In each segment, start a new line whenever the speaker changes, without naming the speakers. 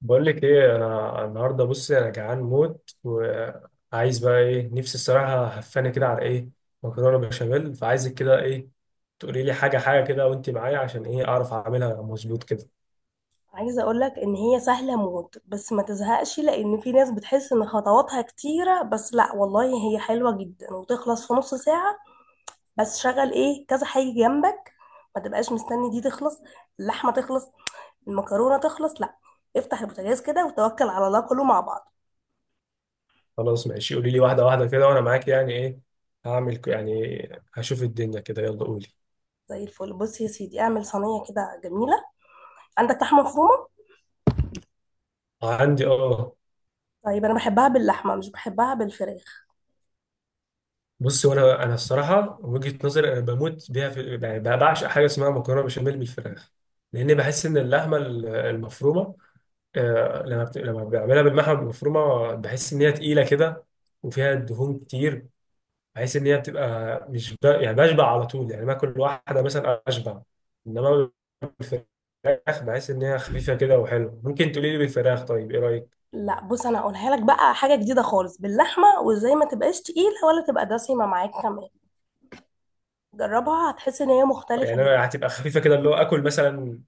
بقول لك ايه، انا النهارده بصي انا جعان موت وعايز بقى ايه، نفسي الصراحه هفاني كده على ايه؟ مكرونه بشاميل. فعايزك كده ايه، تقولي لي حاجه حاجه كده وانت معايا عشان ايه، اعرف اعملها مظبوط كده.
عايزة اقولك ان هي سهلة موت، بس ما تزهقش، لان في ناس بتحس ان خطواتها كتيرة، بس لا والله هي حلوة جدا وتخلص في نص ساعة. بس شغل ايه كذا حاجة جنبك، ما تبقاش مستني دي تخلص، اللحمة تخلص، المكرونة تخلص، لا، افتح البوتاجاز كده وتوكل على الله كله مع بعض.
خلاص ماشي، قولي لي واحده واحده كده وانا معاك يعني ايه. يعني هشوف الدنيا كده، يلا قولي.
زي الفل. بص يا سيدي، اعمل صينية كده جميلة. عندك لحمة مفرومة؟
عندي اه.
طيب انا بحبها باللحمة مش بحبها بالفراخ.
بصي، وانا الصراحه وجهه نظري، انا بموت بيها في، يعني بعشق حاجه اسمها مكرونه بشاميل بالفراخ. لان بحس ان اللحمه المفرومه، لما بعملها بالمحمل المفرومه بحس ان هي تقيله كده وفيها دهون كتير. بحس ان هي بتبقى مش ب... يعني بشبع على طول، يعني باكل واحده مثلا اشبع. انما بالفراخ بحس ان هي خفيفه كده وحلوه. ممكن تقولي لي بالفراخ؟ طيب ايه رايك؟
لا بص، انا هقولها لك بقى حاجة جديدة خالص باللحمة، وازاي ما تبقاش تقيلة ولا تبقى دسمة معاك كمان. جربها هتحس ان هي مختلفة
يعني
جدا.
أنا هتبقى خفيفه كده، اللي هو اكل مثلا،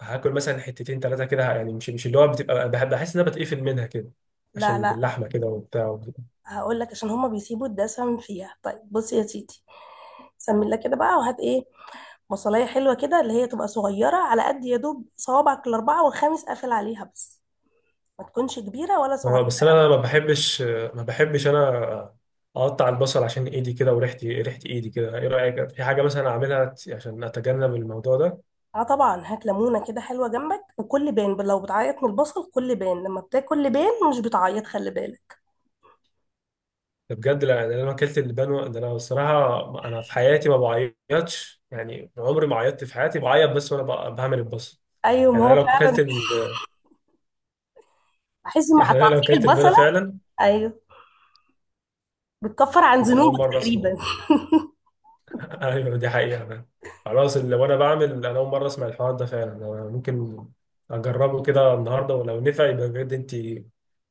هاكل مثلا حتتين ثلاثه كده، يعني مش اللي هو بتبقى، بحس ان انا بتقفل منها كده
لا،
عشان
لا.
باللحمه كده وبتاع.
هقول لك، عشان هما بيسيبوا الدسم فيها. طيب بص يا سيدي، سمي لك كده بقى، وهات ايه؟ بصلايه حلوه كده، اللي هي تبقى صغيره على قد يا دوب صوابعك الاربعه والخامس قافل عليها بس، ما تكونش كبيره ولا
اه
صغيره.
بس انا ما بحبش انا اقطع البصل عشان ايدي كده، وريحتي ريحه ايدي كده. ايه رايك في حاجه مثلا اعملها عشان اتجنب الموضوع ده؟
اه طبعا، هات ليمونه كده حلوه جنبك، وكل بان. لو بتعيط من البصل كل بان، لما بتاكل لبان مش بتعيط، خلي بالك.
ده بجد. لا، ده انا لو اكلت اللبان ده انا الصراحه، انا في حياتي ما بعيطش، يعني عمري ما عيطت في حياتي، بعيط بس وانا بعمل البصل.
ايوه ما
يعني انا
هو
لو اكلت
فعلا
ال...
بحس
يعني
مع
انا لو
تقطيع
اكلت اللبانه
البصله.
فعلا.
ايوه، بتكفر عن
ده أنا اول
ذنوبك
مره اسمع.
تقريبا.
ايوه، دي حقيقة فعلا. خلاص، اللي وانا بعمل انا اول مرة اسمع الحوار ده فعلا. انا ممكن اجربه كده النهاردة، ولو نفع يبقى بجد انت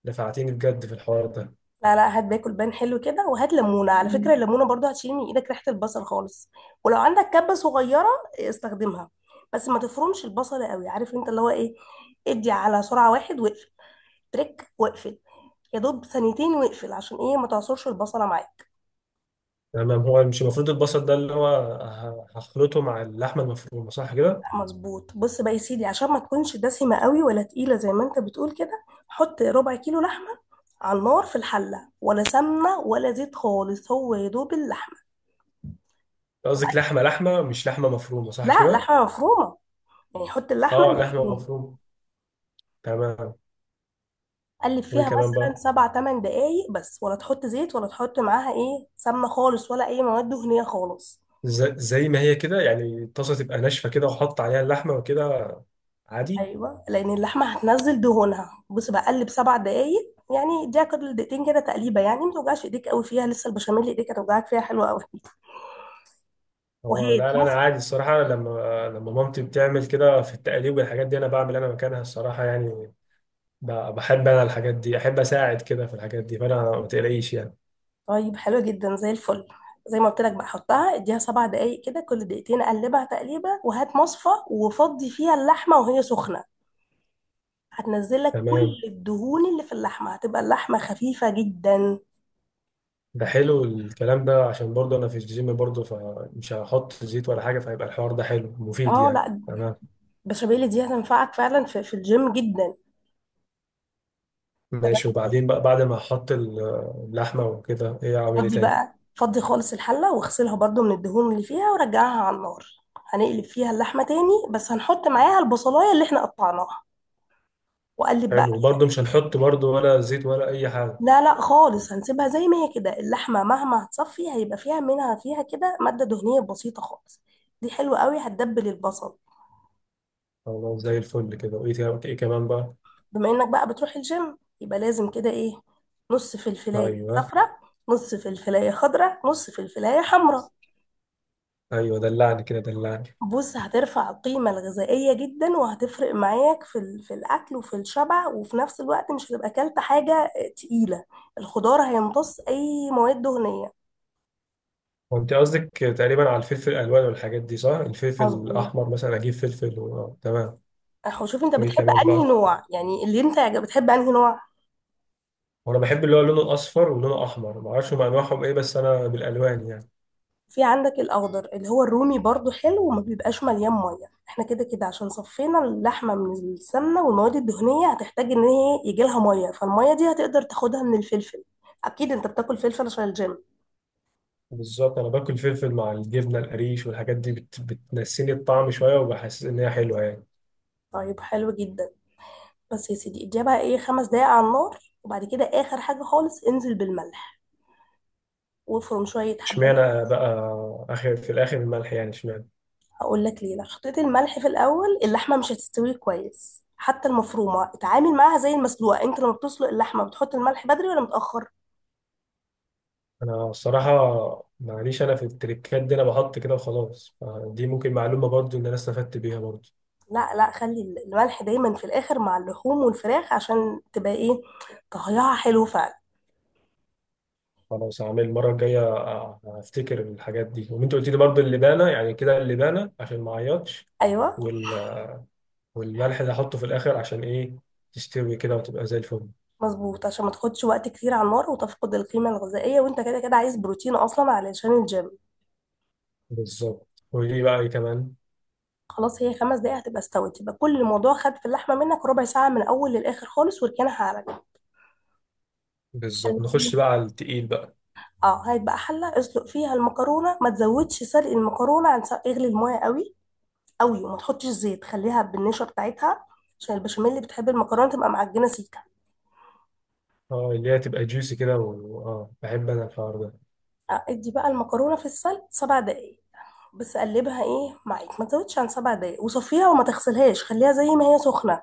نفعتيني بجد في الحوار ده.
لا لا، هات باكل بان حلو كده، وهات ليمونه على فكره. الليمونه برضو هتشيل من ايدك ريحه البصل خالص. ولو عندك كبه صغيره استخدمها، بس ما تفرمش البصل قوي، عارف انت اللي هو ايه، ادي على سرعه واحد واقفل، تريك واقفل، يا دوب ثانيتين واقفل، عشان ايه؟ ما تعصرش البصله معاك.
تمام. هو مش المفروض البصل ده اللي هو هخلطه مع اللحمة المفرومة، صح كده؟
مظبوط. بص بقى يا سيدي، عشان ما تكونش دسمه قوي ولا تقيله زي ما انت بتقول كده، حط ربع كيلو لحمه على النار في الحله، ولا سمنه ولا زيت خالص، هو يا دوب اللحمه.
قصدك لحمة لحمة مش لحمة مفرومة، صح
لا
كده؟
لحمه مفرومه، يعني حط اللحمه
اه، لحمة
المفرومه.
مفرومة. تمام.
قلب
وايه
فيها
كمان
مثلا
بقى؟
سبع تمن دقايق بس، ولا تحط زيت ولا تحط معاها ايه سمنه خالص، ولا اي مواد دهنيه خالص.
زي ما هي كده، يعني الطاسة تبقى ناشفة كده وحط عليها اللحمة وكده، عادي؟
ايوه، لان اللحمه هتنزل دهونها. بص بقى، قلب سبع دقايق، يعني اديها كل دقيقتين كده تقليبه، يعني ما توجعش ايديك قوي فيها، لسه البشاميل ايديك هتوجعك فيها حلوه قوي.
هو
وهي
لا لا، انا
تنفع.
عادي الصراحه. أنا لما مامتي بتعمل كده في التقليب والحاجات دي انا بعمل انا مكانها الصراحه يعني، بحب انا الحاجات دي، احب اساعد كده في الحاجات دي، فانا ما تقلقيش يعني.
طيب حلوه جدا زي الفل. زي ما قلت لك بقى، حطها اديها سبع دقايق كده، كل دقيقتين قلبها تقليبه، وهات مصفى وفضي فيها اللحمه وهي سخنه. هتنزل لك كل
تمام،
الدهون اللي في اللحمه، هتبقى اللحمه خفيفه جدا.
ده حلو الكلام ده، عشان برضه انا في الجيم برضه، فمش هحط زيت ولا حاجه، فهيبقى الحوار ده حلو مفيد
اه
يعني.
لا،
تمام
البشاميل دي هتنفعك فعلا في الجيم جدا. تمام.
ماشي. وبعدين بقى بعد ما احط اللحمه وكده، ايه اعمل ايه
فضي
تاني؟
بقى فضي خالص الحله، واغسلها برضو من الدهون اللي فيها، ورجعها على النار. هنقلب فيها اللحمه تاني، بس هنحط معاها البصلايه اللي احنا قطعناها، وقلب بقى.
حلو، وبرضه مش هنحط برضه ولا زيت ولا اي حاجه؟
لا لا خالص، هنسيبها زي ما هي كده، اللحمه مهما هتصفي هيبقى فيها منها فيها كده ماده دهنيه بسيطه خالص، دي حلوه قوي هتدبل البصل.
خلاص زي الفل كده. وايه إيه كمان بقى؟
بما انك بقى بتروح الجيم، يبقى لازم كده ايه، نص فلفلايه
ايوه.
صفراء، نص فلفلايه خضراء، نص فلفلايه حمراء.
ايوه، دلعني كده دلعني.
بص، هترفع القيمة الغذائية جدا، وهتفرق معاك في الأكل وفي الشبع، وفي نفس الوقت مش هتبقى أكلت حاجة تقيلة. الخضار هيمتص أي مواد دهنية.
وانت قصدك تقريبا على الفلفل الالوان والحاجات دي، صح؟ الفلفل
مظبوط.
الاحمر مثلا، اجيب فلفل و... آه، تمام.
أهو شوف أنت
وايه
بتحب
كمان بقى؟
أنهي نوع، يعني اللي أنت بتحب أنهي نوع.
وانا بحب اللي هو لونه الاصفر ولونه احمر، ما اعرفش هم انواعهم ايه، بس انا بالالوان يعني.
في عندك الاخضر اللي هو الرومي برضو حلو، وما بيبقاش مليان ميه. احنا كده كده عشان صفينا اللحمه من السمنه والمواد الدهنيه، هتحتاج ان هي يجي لها ميه، فالميه دي هتقدر تاخدها من الفلفل. اكيد انت بتاكل فلفل عشان الجيم.
بالظبط، انا باكل فلفل مع الجبنه القريش والحاجات دي، بتنسيني الطعم شويه، وبحس ان هي حلوه يعني.
طيب حلو جدا. بس يا سيدي، اديها بقى ايه خمس دقايق على النار، وبعد كده اخر حاجه خالص انزل بالملح، وافرم شويه حبات.
اشمعنى بقى اخر في الاخر الملح يعني، اشمعنى؟
هقول لك ليه، لو حطيت الملح في الاول اللحمه مش هتستوي كويس، حتى المفرومه اتعامل معاها زي المسلوقه. انت لما بتسلق اللحمه بتحط الملح بدري ولا متاخر؟
انا الصراحه معليش، انا في التريكات دي انا بحط كده وخلاص. دي ممكن معلومه برضو ان انا استفدت بيها برضو.
لا لا، خلي الملح دايما في الاخر مع اللحوم والفراخ، عشان تبقى ايه طهيها حلو فعلا.
خلاص هعمل المرة الجاية هفتكر الحاجات دي. وانت قلت لي برضه اللبانة يعني كده، اللبانة عشان ما اعيطش،
ايوه
وال... والملح اللي هحطه في الآخر عشان ايه، تستوي كده وتبقى زي الفل.
مظبوط، عشان ما تاخدش وقت كتير على النار وتفقد القيمه الغذائيه، وانت كده كده عايز بروتين اصلا علشان الجيم.
بالظبط. ودي بقى ايه كمان؟
خلاص، هي خمس دقايق هتبقى استوت، يبقى كل الموضوع خد في اللحمه منك ربع ساعه، من الاول للاخر خالص، وركنها على جنب.
بالظبط، نخش
حلتين.
بقى على التقيل بقى.
اه، هيبقى حله اسلق فيها المكرونه، ما تزودش سلق المكرونه عن سلق، اغلي المايه قوي قوي، وما تحطش زيت، خليها بالنشا بتاعتها، عشان البشاميل اللي بتحب المكرونه تبقى معجنه سيكه.
اه اللي هي تبقى جوسي كده، اه بحب انا الحوار ده.
ادي بقى المكرونه في السلق سبع دقايق بس، قلبها ايه معاك، ما تزودش عن سبع دقايق، وصفيها وما تغسلهاش، خليها زي ما هي سخنه.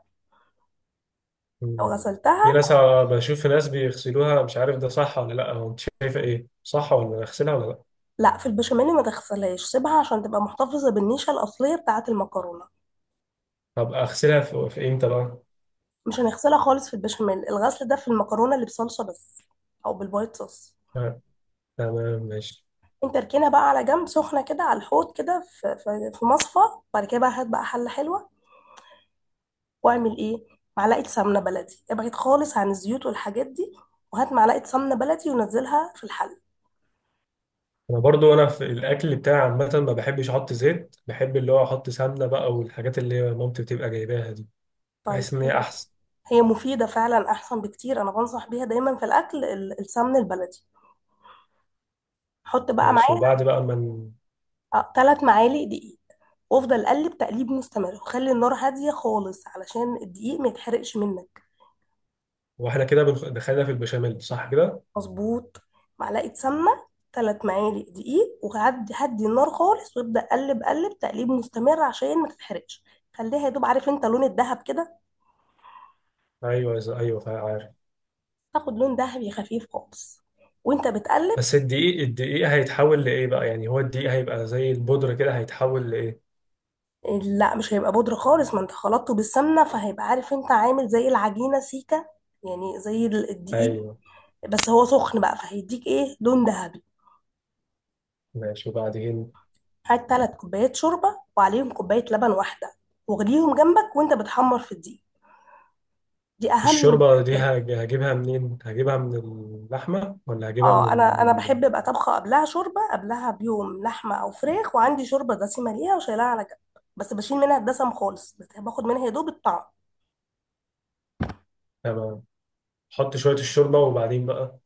لو
مم. في
غسلتها،
ناس آه، بشوف ناس بيغسلوها، مش عارف ده صح ولا لا. هو انت شايفة ايه، صح ولا اغسلها ولا لا؟
لا في البشاميل ما تغسلهاش سيبها، عشان تبقى محتفظه بالنيشه الاصليه بتاعه المكرونه.
طب اغسلها في امتى بقى؟
مش هنغسلها خالص في البشاميل، الغسل ده في المكرونه اللي بصلصه بس، او بالوايت صوص.
آه. تمام ماشي.
انت اركنها بقى على جنب سخنه كده على الحوض كده في في مصفى. بعد كده بقى هات بقى حله حلوه، واعمل ايه، معلقه سمنه بلدي، ابعد خالص عن الزيوت والحاجات دي، وهات معلقه سمنه بلدي ونزلها في الحل.
انا برضو انا في الاكل بتاعي عامه ما بحبش احط زيت، بحب اللي هو احط سمنه بقى والحاجات اللي مامتي بتبقى جايباها دي،
طيب
بحس ان هي
حلو.
احسن.
هي مفيده فعلا احسن بكتير، انا بنصح بيها دايما في الاكل، السمن البلدي. حط بقى
ماشي،
معاها
وبعد بقى ما ن-
ثلاث معالق دقيق، وافضل قلب تقليب مستمر، وخلي النار هاديه خالص علشان الدقيق ما يتحرقش منك.
واحنا كده دخلنا في البشاميل، صح كده؟
مظبوث. معلقه سمنه، ثلاث معالق دقيق، وهدي هدي النار خالص، وابدا قلب قلب تقليب مستمر عشان ما تتحرقش. خليها يا دوب عارف انت لون الذهب كده،
ايوه ايوه عارف.
تاخد لون ذهبي خفيف خالص وانت بتقلب.
بس الدقيق، الدقيق هيتحول لايه بقى؟ يعني هو الدقيق هيبقى زي البودره كده، هيتحول لايه؟
لا مش هيبقى بودرة خالص، ما انت خلطته بالسمنة فهيبقى عارف انت عامل زي العجينة سيكة، يعني زي الدقيق،
ايوه.
بس هو سخن بقى فهيديك ايه لون ذهبي.
ماشي وبعدين؟
هات تلات كوبايات شوربة وعليهم كوباية لبن واحدة، واغليهم جنبك وانت بتحمر في الدقيق، دي اهم
الشوربه دي
حاجة.
هجيبها منين، هجيبها من اللحمه ولا هجيبها
اه، انا
من-
بحب ابقى طبخه قبلها شوربه، قبلها بيوم لحمه او فراخ، وعندي شوربه دسمه ليها وشايلها على جنب، بس بشيل منها الدسم خالص، بس باخد منها يا دوب الطعم.
تمام. احط شويه الشوربه وبعدين بقى.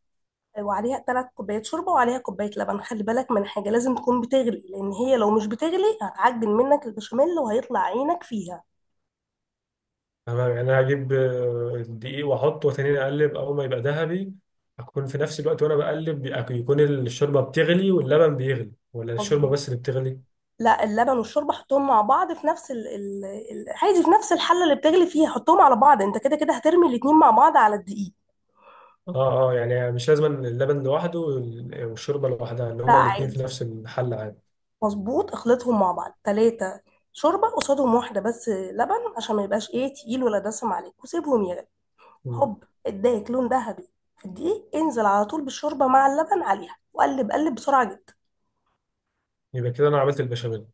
وعليها ثلاث كوبايات شوربه، وعليها كوبايه لبن. خلي بالك من حاجه، لازم تكون بتغلي، لان هي لو مش بتغلي هتعجن منك البشاميل وهيطلع عينك فيها.
تمام، يعني انا هجيب الدقيق واحطه وتاني اقلب اول ما يبقى ذهبي. اكون في نفس الوقت وانا بقلب يكون الشوربه بتغلي واللبن بيغلي، ولا الشوربه
مظبوط.
بس اللي بتغلي؟
لا، اللبن والشوربه حطهم مع بعض في نفس عادي في نفس الحله اللي بتغلي فيها، حطهم على بعض، انت كده كده هترمي الاتنين مع بعض على الدقيق.
اه اه، يعني مش لازم اللبن لوحده والشوربه لوحدها، ان
لا
هما الاتنين في
عادي.
نفس الحل عادي؟
مظبوط، اخلطهم مع بعض، ثلاثه شوربه قصادهم واحده بس لبن، عشان ما يبقاش ايه تقيل ولا دسم عليك، وسيبهم يغلي.
مم.
هوب، اداك لون ذهبي في الدقيق، انزل على طول بالشوربه مع اللبن عليها، وقلب قلب بسرعه جدا،
يبقى كده انا عملت البشاميل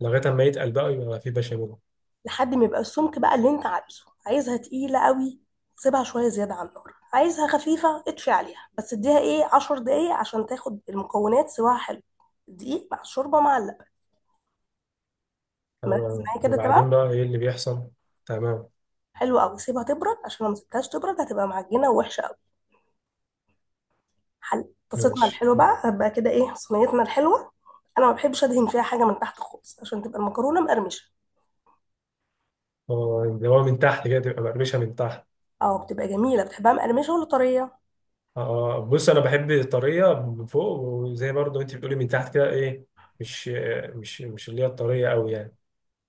لغايه اما يتقل بقى، يبقى في بشاميل.
لحد ما يبقى السمك بقى اللي انت عايزه. عايزها تقيله قوي، سيبها شويه زياده على النار. عايزها خفيفه، اطفي عليها، بس اديها ايه 10 دقايق عشان تاخد المكونات سواها حلو، الدقيق مع الشوربه مع اللبن. مركز معايا كده؟ تمام.
وبعدين بقى ايه اللي بيحصل؟ تمام
حلو قوي. سيبها تبرد، عشان لو ما سبتهاش تبرد هتبقى معجنه ووحشه قوي. حل طاستنا
ماشي.
الحلوه بقى، هتبقى كده ايه صينيتنا الحلوه. انا ما بحبش ادهن فيها حاجه من تحت خالص، عشان تبقى المكرونه مقرمشه.
اه اللي هو من تحت كده تبقى مقرمشه من تحت.
اه، بتبقى جميلة. بتحبها مقرمشة ولا طرية؟
اه بص، انا بحب طريه من فوق، وزي برضو انت بتقولي من تحت كده ايه، مش مش اللي هي الطريه قوي يعني.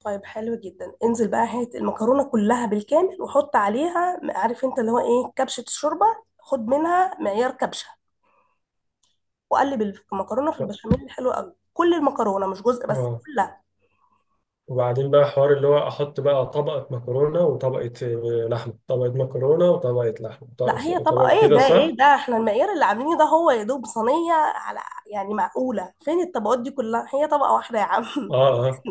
طيب حلو جدا. انزل بقى، هات المكرونة كلها بالكامل، وحط عليها عارف انت اللي هو ايه، كبشة الشوربة، خد منها معيار كبشة، وقلب المكرونة في البشاميل. حلو قوي، كل المكرونة مش جزء بس،
اه.
كلها.
وبعدين بقى حوار اللي هو احط بقى طبقه مكرونه وطبقه لحمه، طبقه مكرونه وطبقه لحمه
لا، هي طبقة
وطبقه
ايه
كده،
ده
صح؟
ايه ده، احنا المعيار اللي عاملينه ده هو يا دوب صينية على، يعني معقولة فين الطبقات دي كلها، هي طبقة واحدة يا عم.
اه اه،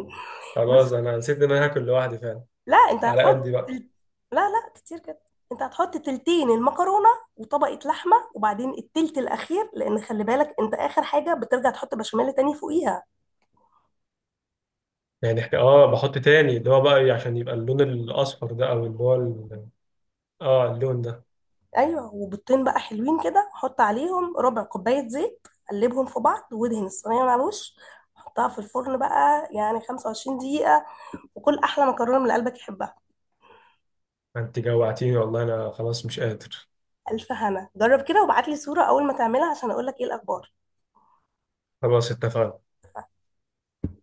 خلاص انا نسيت ان انا هاكل لوحدي فعلا،
لا انت
على قدي بقى.
لا لا، كتير كده. انت هتحط تلتين المكرونه، وطبقه لحمه، وبعدين التلت الاخير، لان خلي بالك انت اخر حاجه بترجع تحط بشاميل تاني فوقيها.
يعني احنا اه بحط تاني اللي هو بقى عشان يبقى اللون الاصفر ده او اللي هو اه اللون ده.
ايوه، وبيضتين بقى حلوين كده، حط عليهم ربع كوبايه زيت، قلبهم في بعض وادهن الصينيه من على الوش. حطها في الفرن بقى يعني 25 دقيقه، وكل احلى مكرونه من اللي قلبك يحبها.
انت جوعتيني والله، انا خلاص مش قادر.
الف هنا، جرب كده وابعت لي صوره اول ما تعملها، عشان اقول لك ايه الاخبار.
خلاص اتفقنا.